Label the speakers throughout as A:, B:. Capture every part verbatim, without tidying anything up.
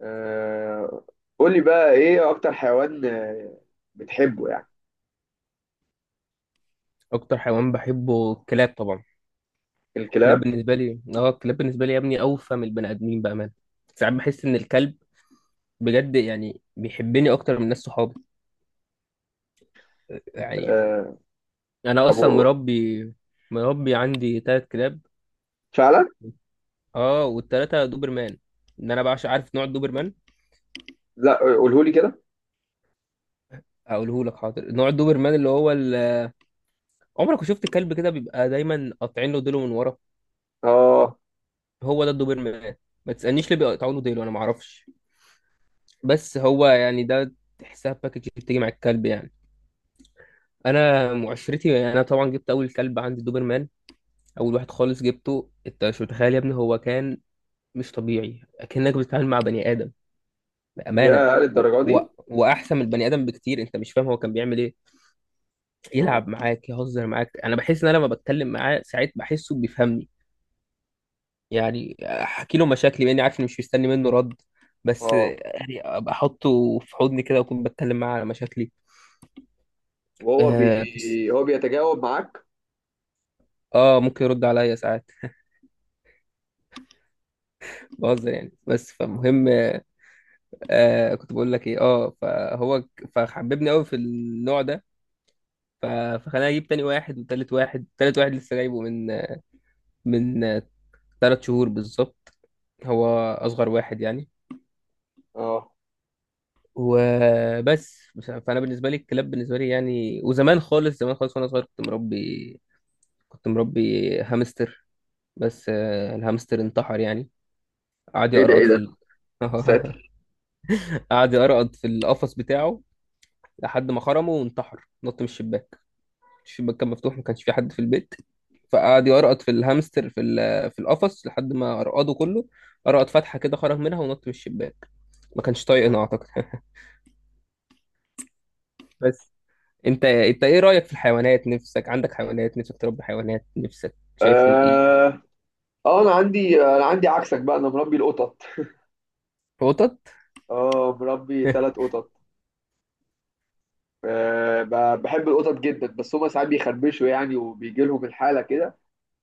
A: آه، قولي بقى ايه اكتر حيوان آه، بتحبه يعني.
B: اكتر حيوان بحبه الكلاب طبعا. الكلاب
A: الكلاب.
B: بالنسبه لي، اه، الكلاب بالنسبه لي يا ابني اوفى من البني ادمين بامانه. ساعات بحس ان الكلب بجد يعني بيحبني اكتر من ناس صحابي يعني.
A: آه،
B: انا
A: طب
B: اصلا
A: و-
B: مربي، مربي عندي ثلاث كلاب.
A: فعلا.
B: اه، والثلاثه دوبرمان. ان انا بعشق، عارف نوع الدوبرمان؟
A: لا، قولهولي كده.
B: اقوله لك، حاضر. نوع الدوبرمان اللي هو ال- عمرك ما شفت الكلب كده بيبقى دايما قاطعين له ديله من ورا؟
A: اه.
B: هو ده الدوبرمان. ما تسالنيش ليه بيقطعوا له ديله، انا ما اعرفش، بس هو يعني ده، تحسها باكج بتيجي مع الكلب يعني. انا معشرتي، انا طبعا جبت اول كلب عندي دوبرمان. اول واحد خالص جبته، انت مش متخيل يا ابني هو كان مش طبيعي، اكنك بتتعامل مع بني ادم بامانه.
A: يا
B: و...
A: للدرجه
B: و...
A: دي.
B: واحسن من البني ادم بكتير، انت مش فاهم هو كان بيعمل ايه.
A: اه.
B: يلعب معاك، يهزر معاك. انا بحس ان انا لما بتكلم معاه ساعات بحسه بيفهمني. يعني احكي له مشاكلي باني عارف اني مش مستني منه رد، بس
A: اه.
B: يعني ابقى احطه في حضني كده واكون بتكلم معاه على مشاكلي.
A: وهو
B: اه, بس...
A: بي هو بيتجاوب معاك؟
B: آه، ممكن يرد عليا ساعات. بهزر يعني، بس
A: اه.
B: فمهم. آه، كنت بقول لك ايه؟ اه، فهو ك- فحببني قوي في النوع ده. ف- فخلاني اجيب تاني واحد وتالت واحد. تالت واحد لسه جايبه من من تلات شهور بالظبط. هو اصغر واحد يعني.
A: اه.
B: وبس بس- فانا بالنسبه لي الكلاب بالنسبه لي يعني، وزمان خالص، زمان خالص وانا صغير كنت مربي، كنت مربي هامستر. بس آه، الهامستر انتحر يعني. قعد
A: ايه ده،
B: يقرقط
A: ايه
B: في
A: ده!
B: ال...
A: ساتر.
B: قعد يقرقط في القفص بتاعه لحد ما خرمه وانتحر، نط من الشباك. الشباك كان مفتوح، ما كانش في حد في البيت، فقعد يقرقط في الهامستر في ال- في القفص لحد ما قرقده كله. قرقط فتحة كده، خرج منها ونط من الشباك. ما كانش
A: اه.
B: طايقنا اعتقد. بس، انت انت ايه رأيك في الحيوانات؟ نفسك عندك حيوانات؟ نفسك تربي حيوانات؟ نفسك شايفهم ايه؟
A: اه. آه، انا عندي انا عندي عكسك بقى، انا مربي القطط.
B: قطط.
A: اه، مربي ثلاث قطط آه، ب- بحب القطط جدا، بس هما ساعات بيخربشوا يعني وبيجي لهم الحاله كده.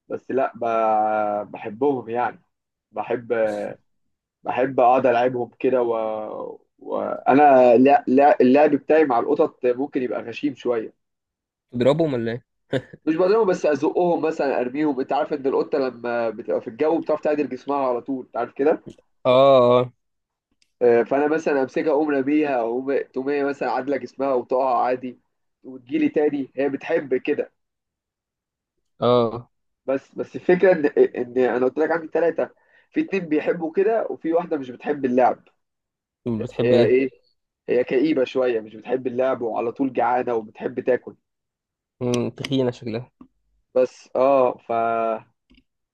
A: بس لا، ب- بحبهم يعني. بحب بحب اقعد العبهم كده، و... وانا، لا لا، اللعب بتاعي مع القطط ممكن يبقى غشيم شويه.
B: تضربهم ولا ايه؟
A: مش بضربهم، بس ازقهم مثلا، ارميهم. انت عارف ان القطه لما بتبقى في الجو بتعرف تعدل جسمها على طول، انت عارف كده؟
B: اه.
A: آه، فانا مثلا امسكها اقوم راميها، اقوم تقوم هي مثلا عادله جسمها وتقع عادي، وتجيلي تاني. هي بتحب كده.
B: اه.
A: بس بس الفكره ان ان انا قلت لك عندي ثلاثه، في اتنين بيحبوا كده وفي واحده مش بتحب اللعب.
B: اه، بتحب
A: هي
B: ايه؟
A: ايه؟ هي كئيبة شوية، مش بتحب اللعب وعلى طول جعانة وبتحب تاكل.
B: مم، تخينة شكلها.
A: بس اه ف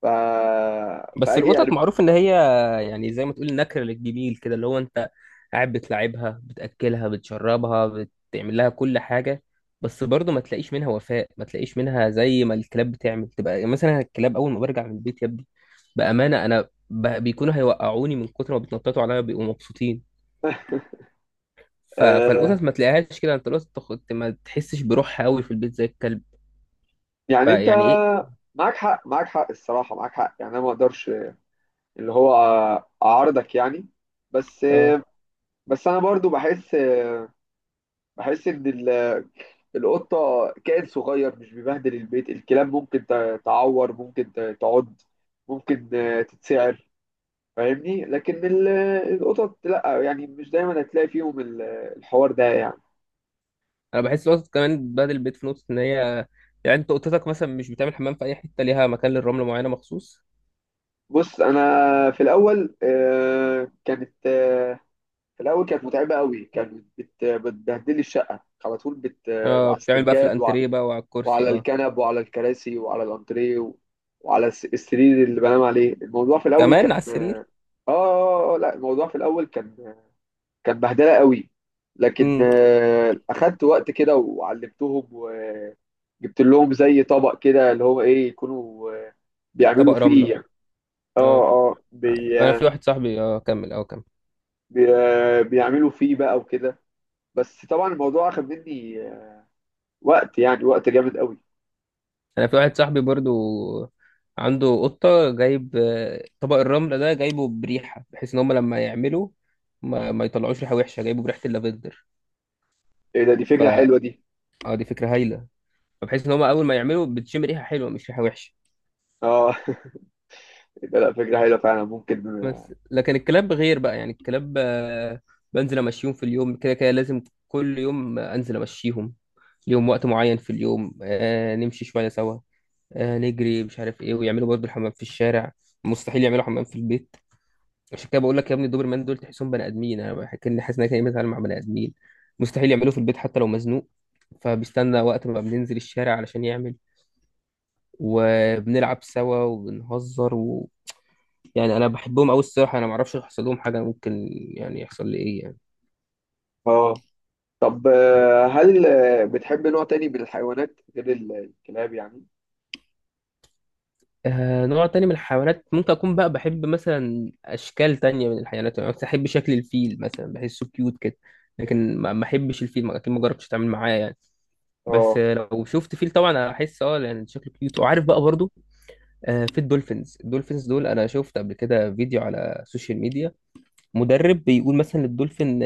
A: ف
B: بس
A: فاجي
B: القطط
A: أرب...
B: معروف ان هي يعني زي ما تقول نكر للجميل كده، اللي هو انت قاعد بتلاعبها، بتاكلها، بتشربها، بتعمل لها كل حاجه، بس برضه ما تلاقيش منها وفاء، ما تلاقيش منها زي ما الكلاب بتعمل. تبقى مثلا الكلاب اول ما برجع من البيت يا ابني، بامانه انا ب- بيكونوا هيوقعوني من كتر ما بيتنططوا عليا، بيبقوا مبسوطين. ف...
A: آه
B: فالقطط ما تلاقيهاش كده. انت القطط تخ- ما تحسش بروحها قوي في البيت زي الكلب.
A: يعني انت.
B: فيعني
A: معاك حق، معاك حق، الصراحة معاك حق. يعني انا ما اقدرش، اللي هو، اعارضك يعني. بس
B: ايه،
A: بس انا برضو بحس بحس ان ال- القطة كائن صغير، مش بيبهدل البيت. الكلاب ممكن ت- تعور، ممكن ت- تعض، ممكن آه، تتسعر. فاهمني؟ لكن ال- القطط لا يعني، مش دايما هتلاقي فيهم ال- الحوار ده يعني.
B: انا بحس الوسط كمان بدل البيت في نقطه ان هي يعني انت اوضتك مثلا مش بتعمل حمام في اي حته، ليها مكان للرمله معينه مخصوص.
A: بص، انا في الاول آه، كانت آه، في الاول كانت متعبه قوي، كانت بت- بتبهدلي الشقه على طول، بت آه،
B: اه،
A: على
B: بتعمل بقى في
A: السجاد، وع-
B: الانتريه بقى وعلى الكرسي.
A: وعلى
B: اه،
A: الكنب وعلى الكراسي وعلى الانتريه و- وعلى الس- السرير اللي بنام عليه. الموضوع في الاول
B: كمان
A: كان
B: على
A: اه
B: السرير.
A: آه، آه، آه، لا، الموضوع في الاول كان كان بهدله قوي، لكن
B: امم.
A: آه، اخدت وقت كده وعلمتهم. جبت لهم زي طبق كده اللي هو ايه، يكونوا آه،
B: طبق
A: بيعملوا فيه
B: رمله.
A: يعني. اه.
B: اه.
A: اه. بي
B: انا في
A: آه،
B: واحد صاحبي، اه، كمل، اه، كمل.
A: بي آه، بيعملوا فيه بقى وكده. بس طبعا الموضوع اخد مني آه، وقت، يعني وقت جامد قوي.
B: انا في واحد صاحبي برضو عنده قطه، جايب آه، طبق الرمله ده جايبه بريحه، بحيث ان هم لما يعملوا ما, ما يطلعوش ريحه وحشه. جايبه بريحه اللافندر.
A: ايه ده، دي
B: ف
A: فكرة حلوة دي!
B: اه، دي فكره هايله. فبحيث ان هم اول ما يعملوا بتشم ريحه حلوه مش ريحه وحشه.
A: اه. ده لا، فكرة حلوة فعلا ممكن.
B: بس لكن الكلاب غير بقى يعني. الكلاب آه، بنزل امشيهم في اليوم كده كده لازم، كل يوم انزل امشيهم. ليهم وقت معين في اليوم، آه، نمشي شويه سوا، آه، نجري، مش عارف ايه، ويعملوا برضه الحمام في الشارع. مستحيل يعملوا حمام في البيت. عشان كده بقول لك يا ابني الدوبرمان دول تحسهم بني ادمين. انا بحكي ان حاسس ان انا كاني بتعامل مع بني ادمين. مستحيل يعملوه في البيت حتى لو مزنوق، فبيستنى وقت ما بننزل الشارع علشان يعمل. وبنلعب سوا وبنهزر يعني. انا بحبهم قوي الصراحه. انا ما اعرفش يحصل لهم حاجه، ممكن يعني يحصل لي ايه يعني.
A: اه. طب آه، هل آه، بتحب نوع تاني من الحيوانات غير ال- الكلاب يعني؟
B: آه، نوع تاني من الحيوانات، ممكن اكون بقى بحب مثلا اشكال تانية من الحيوانات. يعني مثلا احب شكل الفيل مثلا، بحسه كيوت كده. لكن ما ما احبش الفيل، ما- اكيد ما جربتش اتعامل معاه يعني. بس
A: اه.
B: آه، لو شفت فيل طبعا احس، اه، يعني شكله كيوت. وعارف بقى برضو، آه، في الدولفينز. الدولفينز دول انا شفت قبل كده فيديو على السوشيال ميديا، مدرب بيقول مثلا للدولفين،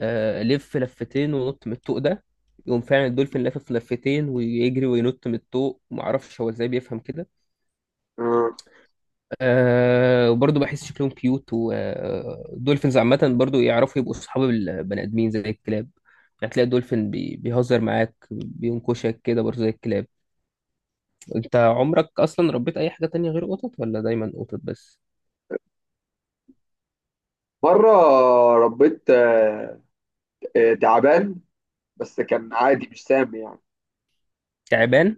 B: آه، لف لفتين ونط من الطوق ده، يقوم فعلا الدولفين لافف لفتين ويجري وينط من الطوق. معرفش هو ازاي بيفهم كده.
A: آه.
B: أه، وبرضه بحس شكلهم كيوت. والدولفينز عامة برضه يعرفوا يبقوا صحاب البني آدمين زي الكلاب. يعني تلاقي الدولفين بي- بيهزر معاك، بينكشك كده برضه زي الكلاب. انت عمرك أصلا ربيت أي حاجة تانية غير قطط؟ ولا دايما قطط بس؟
A: مرة ربيت آه، آه، تعبان، بس كان عادي مش سامي يعني.
B: تعبان؟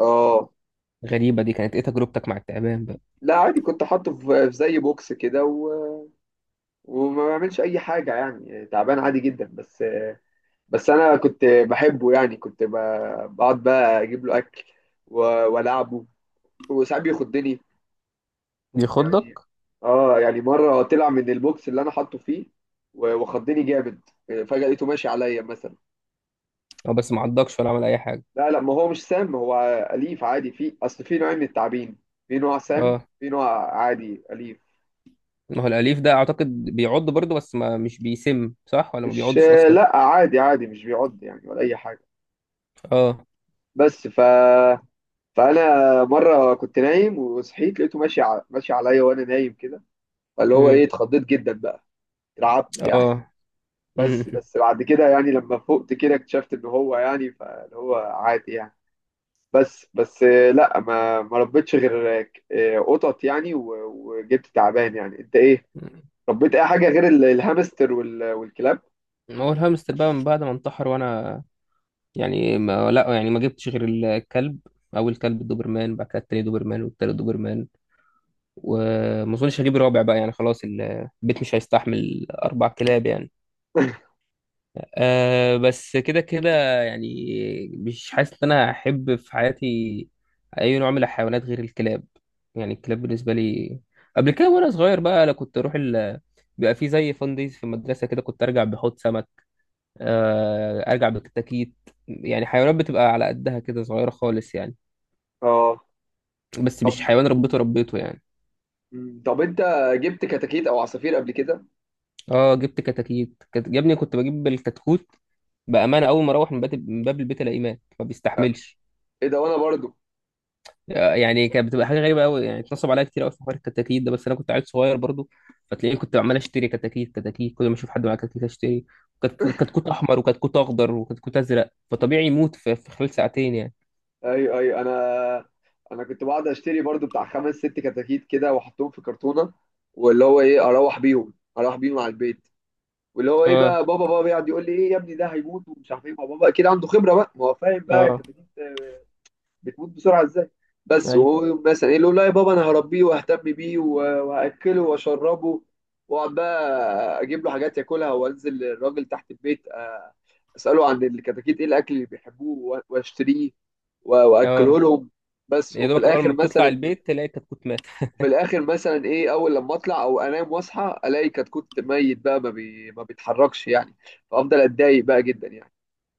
A: اه.
B: غريبة دي، كانت ايه تجربتك مع التعبان بقى؟
A: لا، عادي، كنت حاطه في في زي بوكس كده، و... وما بعملش اي حاجه يعني، تعبان عادي جدا. بس، بس انا كنت بحبه يعني، كنت ب... بقعد بقى اجيب له اكل و... والعبه، وساعات بيخضني يعني.
B: بيخضك؟
A: اه يعني، مره طلع من البوكس اللي انا حاطه فيه و- وخضني جامد. فجاه لقيته ماشي عليا مثلا.
B: اه، بس معضكش ولا عمل أي حاجة؟
A: لا لا، ما هو مش سام هو. اليف عادي. في اصل في نوعين من التعابين، في نوع سام،
B: اه.
A: في نوع عادي اليف.
B: ما هو الأليف ده أعتقد بيعض برضه، بس ما مش بيسم، صح؟ ولا ما
A: مش،
B: بيعضش أصلا؟
A: لا، عادي عادي، مش بيعض يعني ولا اي حاجه.
B: اه.
A: بس ف فانا مره كنت نايم وصحيت، لقيته ماشي ع... ماشي عليا وانا نايم كده. فاللي هو ايه،
B: امم.
A: اتخضيت جدا بقى، اترعبت يعني.
B: اه.
A: بس
B: امم.
A: بس بعد كده يعني لما فقت كده اكتشفت ان هو يعني فاللي هو عادي يعني. بس بس آه، لا، ما ما ربيتش غير آه، قطط يعني، و... وجبت تعبان. يعني انت ايه؟ ربيت اي حاجه غير ال- الهامستر وال... والكلاب؟
B: ما هو الهامستر بقى من بعد ما انتحر وأنا يعني، ما لا يعني، ما جبتش غير الكلب. أول كلب الدوبرمان، بعد كده التاني دوبرمان، والتالت دوبرمان. وما أظنش هجيب رابع بقى يعني، خلاص البيت مش هيستحمل أربع كلاب يعني. أه، بس كده كده يعني. مش حاسس ان انا احب في حياتي اي نوع من الحيوانات غير الكلاب يعني. الكلاب بالنسبه لي، قبل كده وانا صغير بقى، انا كنت اروح ال... بيبقى في زي فان دايز في المدرسه كده، كنت ارجع بحوض سمك، أه، ارجع بكتاكيت. يعني حيوانات بتبقى على قدها كده، صغيره خالص يعني،
A: اه.
B: بس
A: طب
B: مش حيوان ربيته ربيته يعني.
A: مم، طب انت جبت كتاكيت او عصافير قبل كده؟
B: اه، جبت كتاكيت، كت... يا ابني كنت بجيب الكتكوت بامانه، اول ما اروح من باب من باب البيت الاقيه مات، ما بيستحملش.
A: ايه ده، وانا برضو.
B: يعني كانت بتبقى حاجه غريبه قوي يعني. اتنصب عليا كتير قوي في حوار الكتاكيت ده، بس انا كنت عيل صغير برضو. فتلاقيه كنت عمال اشتري كتاكيت كتاكيت، كل ما اشوف حد معاه كتاكيت اشتري. كت- كتكوت احمر، وكتكوت اخضر، وكتكوت ازرق، فطبيعي يموت في في خلال ساعتين يعني.
A: ايوه، ايوه، انا انا كنت بقعد اشتري برضو بتاع خمس ست كتاكيت كده واحطهم في كرتونه، واللي هو ايه، اروح بيهم اروح بيهم على البيت. واللي هو ايه
B: اه.
A: بقى، بابا بابا يقعد يقول لي ايه، يا ابني ده هيموت ومش عارف ايه. ما بابا اكيد عنده خبره بقى، ما هو فاهم بقى
B: اه.
A: الكتاكيت آه، بتموت بسرعه ازاي. بس
B: ايوه.
A: وهو مثلا ايه يقول، لا يا بابا انا هربيه واهتم بيه و- وهاكله واشربه. واقعد بقى اجيب له حاجات ياكلها، وانزل الراجل تحت البيت آه، اساله عن الكتاكيت ايه الاكل اللي بيحبوه واشتريه و- واكله
B: اه،
A: لهم. بس،
B: يا
A: وفي
B: دوبك اول
A: الاخر
B: ما بتطلع
A: مثلا،
B: البيت تلاقي كتكوت مات.
A: وفي الاخر مثلا ايه، اول لما اطلع، او انام واصحى الاقي كتكوت ميت بقى، ما, بي... ما بيتحركش يعني. فافضل اتضايق بقى جدا يعني.